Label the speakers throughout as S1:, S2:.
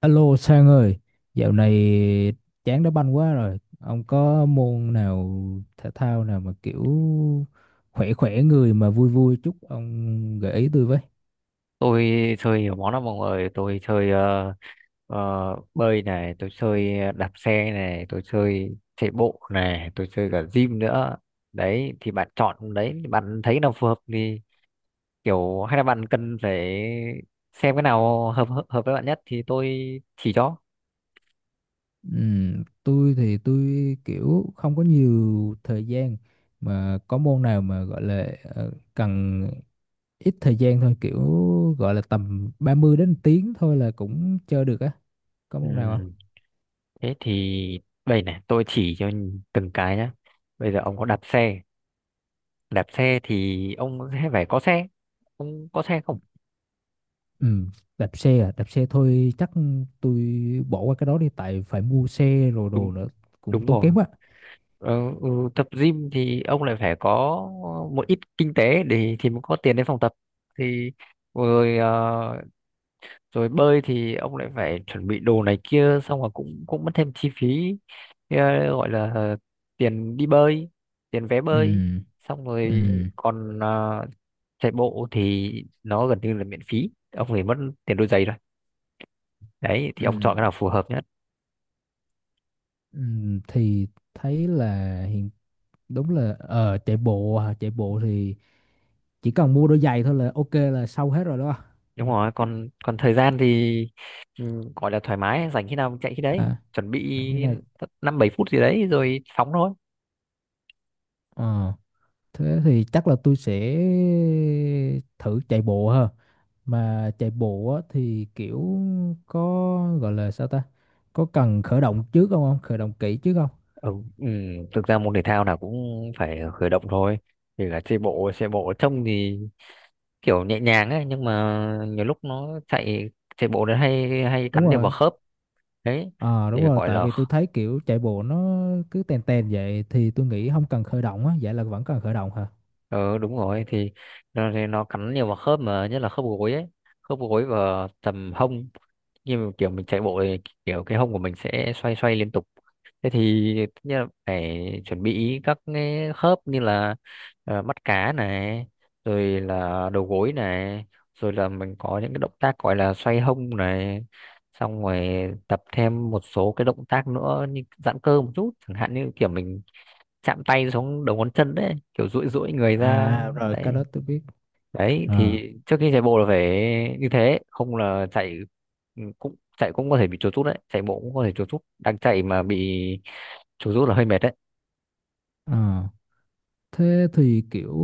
S1: Alo Sang ơi, dạo này chán đá banh quá rồi. Ông có môn nào thể thao nào mà kiểu khỏe khỏe người mà vui vui chút ông gợi ý tôi với.
S2: Tôi chơi nhiều món lắm mọi người. Tôi chơi ờ, bơi này, tôi chơi đạp xe này, tôi chơi chạy bộ này, tôi chơi cả gym nữa. Đấy thì bạn chọn, đấy bạn thấy nào phù hợp thì kiểu hay là bạn cần phải xem cái nào hợp hợp hợp với bạn nhất thì tôi chỉ cho.
S1: Tôi thì tôi kiểu không có nhiều thời gian, mà có môn nào mà gọi là cần ít thời gian thôi, kiểu gọi là tầm 30 đến tiếng thôi là cũng chơi được á. Có môn nào
S2: Ừ,
S1: không?
S2: thế thì đây này tôi chỉ cho từng cái nhá. Bây giờ ông có đạp xe, đạp xe thì ông sẽ phải có xe. Ông có xe không?
S1: Ừ, đạp xe à, đạp xe thôi chắc tôi bỏ qua cái đó đi, tại phải mua xe rồi
S2: Đúng,
S1: đồ nữa cũng
S2: đúng
S1: tốn
S2: rồi.
S1: kém quá.
S2: Ờ, ừ, tập gym thì ông lại phải có một ít kinh tế để thì mới có tiền đến phòng tập thì. Rồi ờ, rồi bơi thì ông lại phải chuẩn bị đồ này kia, xong rồi cũng cũng mất thêm chi phí. ờ, Gọi là tiền đi bơi, tiền vé
S1: Ừ,
S2: bơi. Xong rồi
S1: ừ.
S2: còn chạy bộ thì nó gần như là miễn phí, ông phải mất tiền đôi giày thôi. Đấy
S1: Ừ,
S2: thì ông chọn cái nào phù hợp nhé.
S1: ừ, thì thấy là hiện đúng là chạy bộ à, chạy bộ thì chỉ cần mua đôi giày thôi là ok là xong hết rồi đó. Ừ,
S2: Đúng rồi. Còn còn thời gian thì, ừ, gọi là thoải mái, rảnh khi nào mình chạy khi đấy,
S1: à,
S2: chuẩn bị
S1: làm cái này.
S2: năm bảy phút gì đấy rồi phóng thôi.
S1: Ờ. Thế thì chắc là tôi sẽ thử chạy bộ ha. Mà chạy bộ á, thì kiểu có gọi là sao ta? Có cần khởi động trước không không? Khởi động kỹ trước không?
S2: Ừ, ừ, thực ra môn thể thao nào cũng phải khởi động thôi. Thì là chạy bộ, chạy bộ trông thì kiểu nhẹ nhàng ấy nhưng mà nhiều lúc nó chạy chạy bộ nó hay hay
S1: Đúng
S2: cắn nhiều
S1: rồi.
S2: vào khớp. Đấy
S1: À
S2: thì
S1: đúng rồi,
S2: gọi
S1: tại
S2: là,
S1: vì tôi thấy kiểu chạy bộ nó cứ tèn tèn vậy thì tôi nghĩ không cần khởi động á, vậy là vẫn cần khởi động hả?
S2: ừ, đúng rồi, thì nó cắn nhiều vào khớp mà nhất là khớp gối ấy. Khớp gối và tầm hông, như mà kiểu mình chạy bộ thì kiểu cái hông của mình sẽ xoay xoay liên tục. Thế thì tất nhiên là phải chuẩn bị các cái khớp như là mắt cá này, rồi là đầu gối này, rồi là mình có những cái động tác gọi là xoay hông này, xong rồi tập thêm một số cái động tác nữa như giãn cơ một chút, chẳng hạn như kiểu mình chạm tay xuống đầu ngón chân đấy, kiểu duỗi duỗi người ra
S1: À rồi, cái
S2: đấy.
S1: đó tôi biết.
S2: Đấy
S1: À.
S2: thì trước khi chạy bộ là phải như thế, không là chạy, ừ, cũng chạy cũng có thể bị chuột rút đấy, chạy bộ cũng có thể chuột rút, đang chạy mà bị chuột rút là hơi mệt đấy.
S1: À. Thế thì kiểu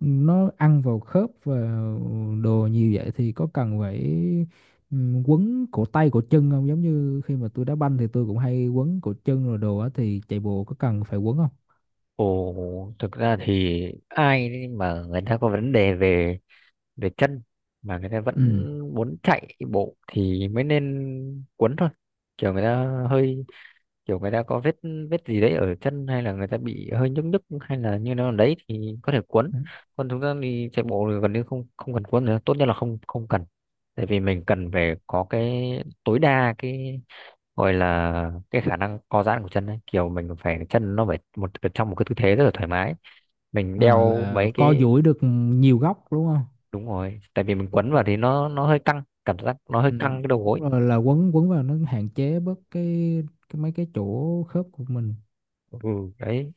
S1: nó ăn vào khớp và đồ nhiều vậy thì có cần phải quấn cổ tay cổ chân không? Giống như khi mà tôi đá banh thì tôi cũng hay quấn cổ chân rồi đồ á, thì chạy bộ có cần phải quấn không?
S2: Ồ, thực ra thì ai mà người ta có vấn đề về về chân mà người ta vẫn
S1: Ừ.
S2: muốn chạy bộ thì mới nên cuốn thôi. Kiểu người ta hơi kiểu người ta có vết vết gì đấy ở chân, hay là người ta bị hơi nhức nhức, hay là như nào đấy thì có thể cuốn.
S1: Đấy.
S2: Còn chúng ta đi chạy bộ thì gần như không không cần cuốn nữa, tốt nhất là không không cần. Tại vì mình cần phải có cái tối đa cái gọi là cái khả năng co giãn của chân ấy. Kiểu mình phải, chân nó phải một trong một cái tư thế rất là thoải mái. Mình
S1: À,
S2: đeo
S1: là
S2: mấy
S1: co
S2: cái.
S1: duỗi được nhiều góc đúng không?
S2: Đúng rồi, tại vì mình quấn vào thì nó hơi căng, cảm giác nó hơi
S1: Ừ.
S2: căng cái đầu gối.
S1: Đúng rồi, là quấn quấn vào nó hạn chế bớt cái mấy cái chỗ khớp của mình.
S2: Ừ, đấy.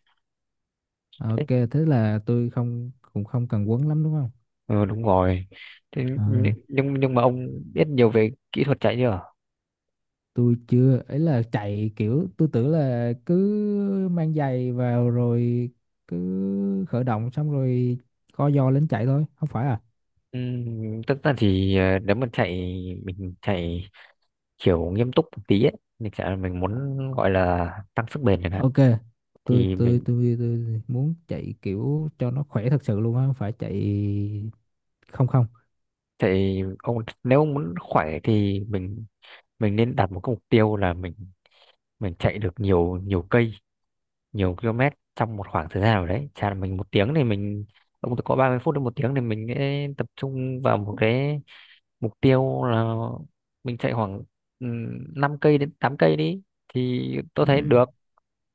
S1: Ok thế là tôi không cũng không cần quấn lắm đúng không?
S2: Ừ, đúng rồi. Thế nh-
S1: Ừ.
S2: nhưng nhưng mà ông biết nhiều về kỹ thuật chạy chưa?
S1: Tôi chưa ấy, là chạy kiểu tôi tưởng là cứ mang giày vào rồi cứ khởi động xong rồi co giò lên chạy thôi, không phải à.
S2: Tất ra thì ờ, nếu mà chạy mình chạy kiểu nghiêm túc một tí ấy, mình chạy mình muốn gọi là tăng sức bền chẳng hạn.
S1: Ok, tôi
S2: Thì
S1: tôi
S2: mình
S1: tôi tôi muốn chạy kiểu cho nó khỏe thật sự luôn á, không phải chạy. Không, không.
S2: chạy ông, nếu ông muốn khỏe thì mình nên đặt một cái mục tiêu là mình chạy được nhiều nhiều cây nhiều km trong một khoảng thời gian nào đấy, chả là mình một tiếng thì mình, ông có 30 phút đến một tiếng thì mình sẽ tập trung vào một cái mục tiêu là mình chạy khoảng, ừ, 5 cây đến 8 cây đi thì tôi
S1: Ừ.
S2: thấy được.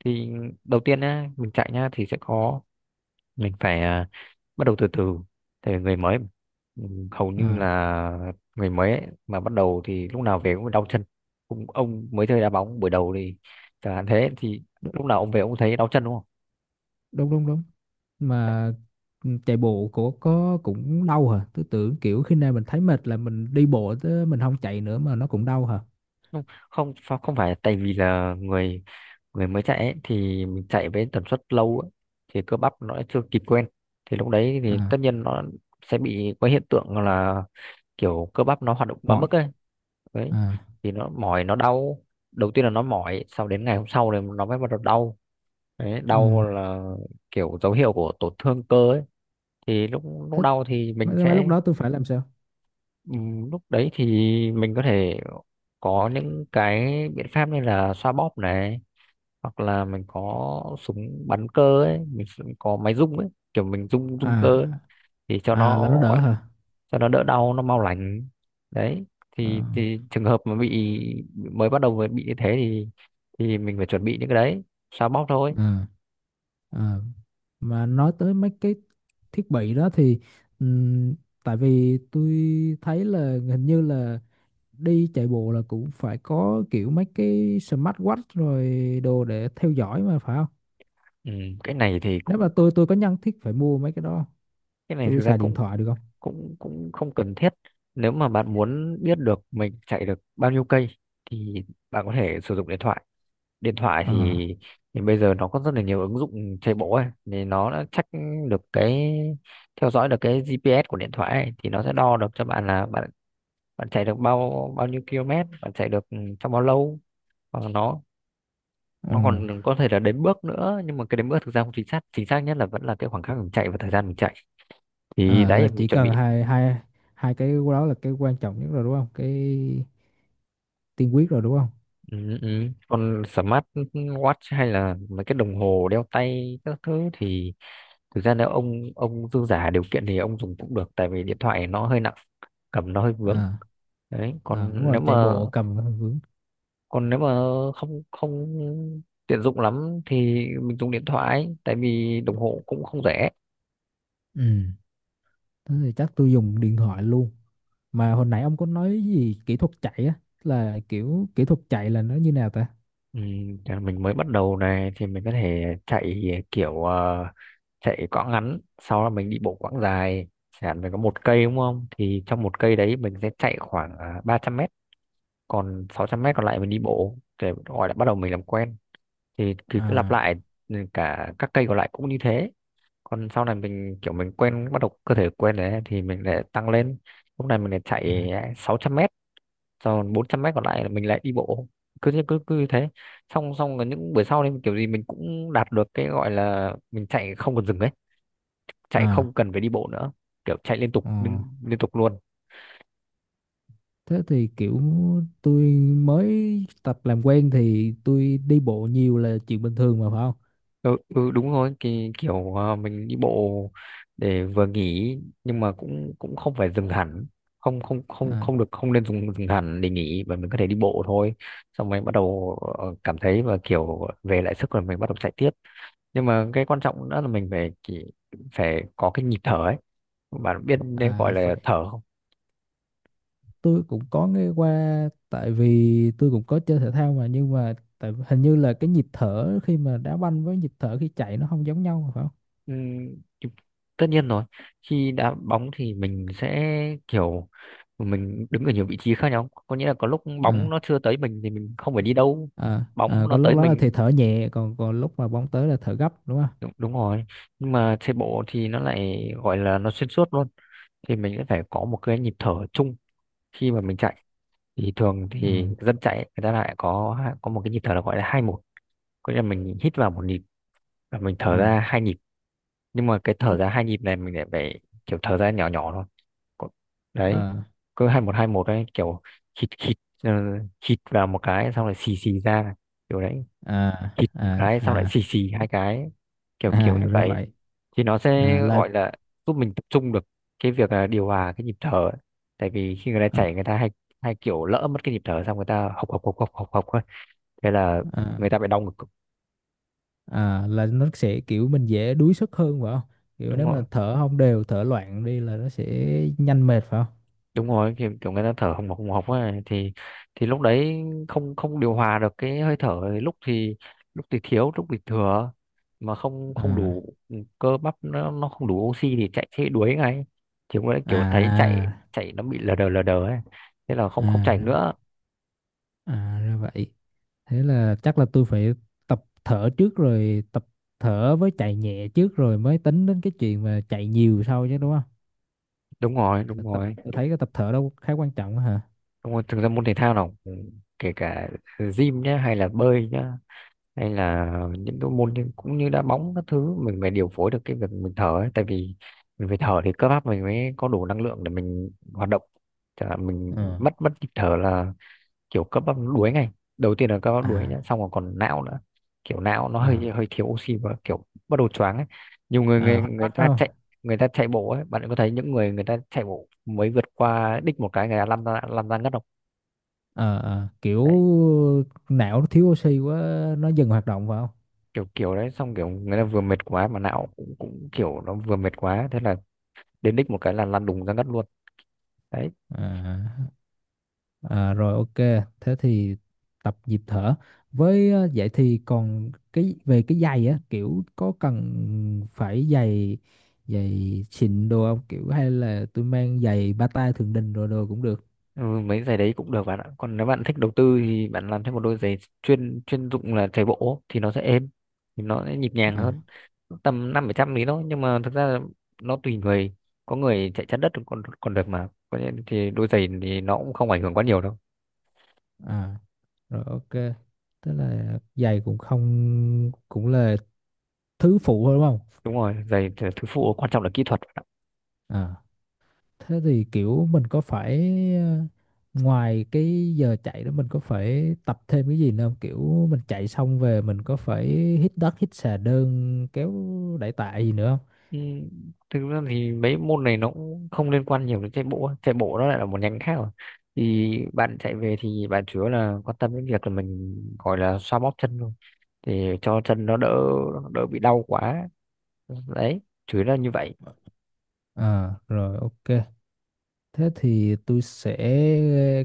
S2: Thì đầu tiên nhá, mình chạy nhá thì sẽ có, mình phải bắt đầu từ từ tại vì người mới mà. Ừ, hầu như
S1: À,
S2: là người mới ấy, mà bắt đầu thì lúc nào về cũng đau chân Ông mới chơi đá bóng buổi đầu thì chẳng hạn, thế thì
S1: đ-
S2: lúc nào ông về ông thấy đau chân đúng?
S1: đúng đúng đúng. Mà ừ, chạy bộ của có cũng đau hả? Tôi tưởng kiểu khi nào mình thấy mệt là mình đi bộ chứ mình không chạy nữa, mà nó cũng đau hả?
S2: Không, không, không phải tại vì là người người mới chạy ấy, thì mình chạy với tần suất lâu ấy, thì cơ bắp nó chưa kịp quen. Thì lúc đấy thì
S1: À,
S2: tất nhiên nó sẽ bị có hiện tượng là kiểu cơ bắp nó hoạt động quá
S1: mỏi.
S2: mức ấy. Đấy
S1: À.
S2: thì nó mỏi nó đau. Đầu tiên là nó mỏi, sau đến ngày hôm sau thì nó mới bắt đầu đau. Đấy,
S1: Ừ.
S2: đau là kiểu dấu hiệu của tổn thương cơ ấy. Thì lúc lúc
S1: Thích.
S2: đau thì mình
S1: Mấy lúc
S2: sẽ,
S1: đó tôi phải làm sao?
S2: ừ, lúc đấy thì mình có thể có những cái biện pháp như là xoa bóp này, hoặc là mình có súng bắn cơ ấy, mình sẽ có máy rung ấy, kiểu mình rung rung cơ ấy.
S1: À,
S2: Thì cho
S1: à, là
S2: nó
S1: nó đỡ hả?
S2: cho nó đỡ đau nó mau lành đấy.
S1: Ờ,
S2: Thì trường hợp mà bị mới bắt đầu mới bị như thế thì mình phải chuẩn bị những cái đấy, xoa bóp thôi.
S1: ờ, ờ, mà nói tới mấy cái thiết bị đó thì ừm, tại vì tôi thấy là hình như là đi chạy bộ là cũng phải có kiểu mấy cái smartwatch rồi đồ để theo dõi mà phải không?
S2: Ừ, cái này thì
S1: Nếu mà
S2: cũng
S1: tôi có nhất thiết phải mua mấy cái đó không?
S2: cái này
S1: Tôi
S2: thực ra
S1: xài điện
S2: cũng
S1: thoại được không?
S2: cũng cũng không cần thiết. Nếu mà bạn muốn biết được mình chạy được bao nhiêu cây thì bạn có thể sử dụng điện thoại. Điện thoại
S1: Ờ.
S2: thì, bây giờ nó có rất là nhiều ứng dụng chạy bộ ấy thì nó đã check được cái theo dõi được cái GPS của điện thoại ấy, thì nó sẽ đo được cho bạn là bạn bạn chạy được bao bao nhiêu km, bạn chạy được trong bao lâu. Hoặc là nó
S1: Ờ.
S2: nó còn có thể là đếm bước nữa, nhưng mà cái đếm bước thực ra không chính xác. Chính xác nhất là vẫn là cái khoảng khắc mình chạy và thời gian mình chạy. Thì
S1: Ờ,
S2: đấy
S1: là
S2: mình
S1: chỉ
S2: chuẩn
S1: cần
S2: bị.
S1: hai hai hai cái đó là cái quan trọng nhất rồi đúng không, cái tiên quyết rồi đúng không?
S2: Ừ, ừ. Còn smart watch hay là mấy cái đồng hồ đeo tay các thứ thì thực ra nếu ông dư giả điều kiện thì ông dùng cũng được, tại vì điện thoại nó hơi nặng, cầm nó hơi vướng.
S1: À,
S2: Đấy,
S1: à đúng
S2: còn
S1: rồi,
S2: nếu
S1: chạy
S2: mà
S1: bộ cầm cái hơi vướng.
S2: còn nếu mà không không tiện dụng lắm thì mình dùng điện thoại, tại vì đồng hồ cũng không rẻ.
S1: Ừ, thế thì chắc tôi dùng điện thoại luôn. Mà hồi nãy ông có nói gì kỹ thuật chạy á, là kiểu kỹ thuật chạy là nó như nào ta?
S2: Ừ, để mình mới bắt đầu này thì mình có thể chạy kiểu chạy quãng ngắn, sau đó mình đi bộ quãng dài. Chẳng hạn mình có một cây đúng không, thì trong một cây đấy mình sẽ chạy khoảng 300 mét, còn 600 mét còn lại mình đi bộ để gọi là bắt đầu mình làm quen. Thì cứ lặp
S1: À.
S2: lại, ừ, cả các cây còn lại cũng như thế. Còn sau này mình kiểu mình quen, bắt đầu cơ thể quen đấy thì mình lại tăng lên. Lúc này mình lại
S1: À.
S2: chạy 600 mét, còn 400 mét còn lại là mình lại đi bộ, cứ thế cứ cứ như thế. Xong xong là những buổi sau thì kiểu gì mình cũng đạt được cái gọi là mình chạy không cần dừng ấy, chạy
S1: À.
S2: không cần phải đi bộ nữa, kiểu chạy liên tục,
S1: Ờ.
S2: liên tục luôn.
S1: Thế thì kiểu tôi mới tập làm quen thì tôi đi bộ nhiều là chuyện bình thường mà phải không?
S2: Ừ, ừ, đúng rồi thì kiểu mình đi bộ để vừa nghỉ, nhưng mà cũng cũng không phải dừng hẳn. Không, không, không,
S1: À.
S2: không được, không nên dừng hẳn để nghỉ, mà mình có thể đi bộ thôi. Xong mình bắt đầu cảm thấy và kiểu về lại sức rồi mình bắt đầu chạy tiếp. Nhưng mà cái quan trọng nữa là mình phải chỉ phải có cái nhịp thở ấy. Bạn biết nên
S1: À,
S2: gọi
S1: là
S2: là
S1: phải,
S2: thở không?
S1: tôi cũng có nghe qua, tại vì tôi cũng có chơi thể thao mà, nhưng mà tại hình như là cái nhịp thở khi mà đá banh với nhịp thở khi chạy nó không giống nhau mà phải không?
S2: Ừm, tất nhiên rồi. Khi đá bóng thì mình sẽ kiểu mình đứng ở nhiều vị trí khác nhau, có nghĩa là có lúc bóng
S1: À,
S2: nó chưa tới mình thì mình không phải đi đâu.
S1: à, à,
S2: Bóng nó
S1: có
S2: tới
S1: lúc đó là
S2: mình
S1: thì thở nhẹ, còn còn lúc mà bóng tới là thở gấp đúng không?
S2: đúng, đúng rồi. Nhưng mà chạy bộ thì nó lại gọi là nó xuyên suốt luôn, thì mình sẽ phải có một cái nhịp thở chung khi mà mình chạy. Thì thường thì
S1: À.
S2: dân chạy ấy, người ta lại có một cái nhịp thở là gọi là 2-1, có nghĩa là mình hít vào 1 nhịp và mình
S1: Ừ.
S2: thở ra 2 nhịp. Nhưng mà cái thở ra 2 nhịp này mình lại phải kiểu thở ra nhỏ nhỏ thôi. Có- Đấy,
S1: Ờ.
S2: cứ hai một đấy, kiểu hít hít ờ, hít vào một cái xong lại xì xì ra, kiểu đấy.
S1: À,
S2: Hít một
S1: à,
S2: cái xong lại
S1: à,
S2: xì xì hai cái, kiểu kiểu như
S1: à, ra
S2: vậy.
S1: vậy.
S2: Thì nó sẽ
S1: À, là
S2: gọi là giúp mình tập trung được cái việc là điều hòa cái nhịp thở ấy. Tại vì khi người ta
S1: à,
S2: chạy, người ta hay hay kiểu lỡ mất cái nhịp thở xong người ta hộc hộc hộc hộc hộc hộc ấy. Thế là
S1: à,
S2: người ta bị đau ngực,
S1: à, là nó sẽ kiểu mình dễ đuối sức hơn phải không? Kiểu
S2: đúng
S1: nếu mà
S2: không?
S1: thở không đều, thở loạn đi là nó sẽ nhanh mệt phải không?
S2: Đúng rồi, kiểu người ta thở hồng hộc ấy, thì lúc đấy không không điều hòa được cái hơi thở, lúc thì thiếu, lúc thì thừa. Mà không không
S1: À.
S2: đủ, ừ, cơ bắp nó không đủ oxy thì chạy thế đuối ngay. Thì cũng đấy
S1: À,
S2: kiểu thấy chạy
S1: à.
S2: chạy nó bị lờ đờ ấy, thế là không không
S1: À
S2: chạy
S1: ra vậy.
S2: nữa.
S1: À ra vậy. Thế là chắc là tôi phải tập thở trước, rồi tập thở với chạy nhẹ trước rồi mới tính đến cái chuyện mà chạy nhiều sau chứ đúng không?
S2: Đúng rồi, đúng rồi,
S1: Tôi thấy cái tập thở đó khá quan trọng á hả?
S2: đúng rồi, thực ra môn thể thao nào kể cả gym nhá, hay là bơi nhá, hay là những cái môn cũng như đá bóng các thứ, mình phải điều phối được cái việc mình thở ấy. Tại vì mình phải thở thì cơ bắp mình mới có đủ năng lượng để mình hoạt động. Chả hạn mình
S1: Ờ.
S2: mất mất nhịp thở là kiểu cơ bắp nó đuối ngay. Đầu tiên là cơ bắp đuối nhá,
S1: À,
S2: xong rồi còn não nữa. Kiểu não nó hơi
S1: à,
S2: hơi thiếu oxy và kiểu bắt đầu choáng ấy. Nhiều người
S1: à,
S2: người
S1: hoạt bát không?
S2: người ta chạy bộ ấy, bạn có thấy những người người ta chạy bộ mới vượt qua đích một cái người ta lăn ra ngất không?
S1: Ờ, ờ, kiểu
S2: Đấy,
S1: não nó thiếu oxy quá nó dừng hoạt động phải không?
S2: kiểu kiểu đấy xong kiểu người ta vừa mệt quá, mà não cũng kiểu nó vừa mệt quá, thế là đến đích một cái là lăn đùng ra ngất luôn đấy.
S1: À. À, rồi ok, thế thì tập nhịp thở. Với vậy thì còn cái về cái giày á, kiểu có cần phải giày giày xịn đồ không? Kiểu hay là tôi mang giày bata Thượng Đình rồi đồ cũng được.
S2: Ừ, mấy giày đấy cũng được bạn ạ. Còn nếu bạn thích đầu tư thì bạn làm thêm một đôi giày chuyên chuyên dụng là chạy bộ thì nó sẽ êm, thì nó sẽ nhịp nhàng
S1: À.
S2: hơn. Tầm năm bảy trăm lý thôi, nhưng mà thực ra là nó tùy người, có người chạy chắn đất còn còn được, mà có những thì đôi giày thì nó cũng không ảnh hưởng quá nhiều đâu.
S1: À, rồi ok. Tức là giày cũng không, cũng là thứ phụ thôi đúng không?
S2: Đúng rồi, giày thì thứ phụ, quan trọng là kỹ thuật.
S1: À. Thế thì kiểu mình có phải ngoài cái giờ chạy đó mình có phải tập thêm cái gì nữa không? Kiểu mình chạy xong về mình có phải hít đất, hít xà đơn, kéo đẩy tạ gì nữa không?
S2: Ừ, thực ra thì mấy môn này nó cũng không liên quan nhiều đến chạy bộ ấy. Chạy bộ nó lại là một nhánh khác rồi. Thì bạn chạy về thì bạn chủ yếu là quan tâm đến việc là mình gọi là xoa bóp chân thôi, thì cho chân nó đỡ, đỡ bị đau quá. Đấy, chủ yếu là như vậy.
S1: À, rồi ok. Thế thì tôi sẽ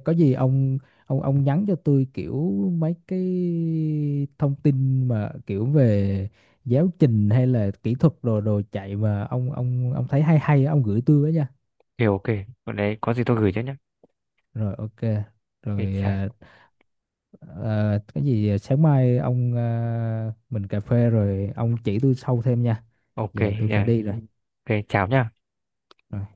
S1: có gì ông nhắn cho tôi kiểu mấy cái thông tin mà kiểu về giáo trình hay là kỹ thuật đồ đồ chạy mà ông thấy hay hay á, ông gửi tôi với nha.
S2: Thì ok. Còn đấy có gì tôi gửi cho nhé.
S1: Rồi ok.
S2: Ok,
S1: Rồi à, à, cái gì à, sáng mai ông à, mình cà phê rồi ông chỉ tôi sâu thêm nha,
S2: ok.
S1: giờ tôi phải
S2: Yeah.
S1: đi rồi.
S2: Ok, chào nhá.
S1: Rồi.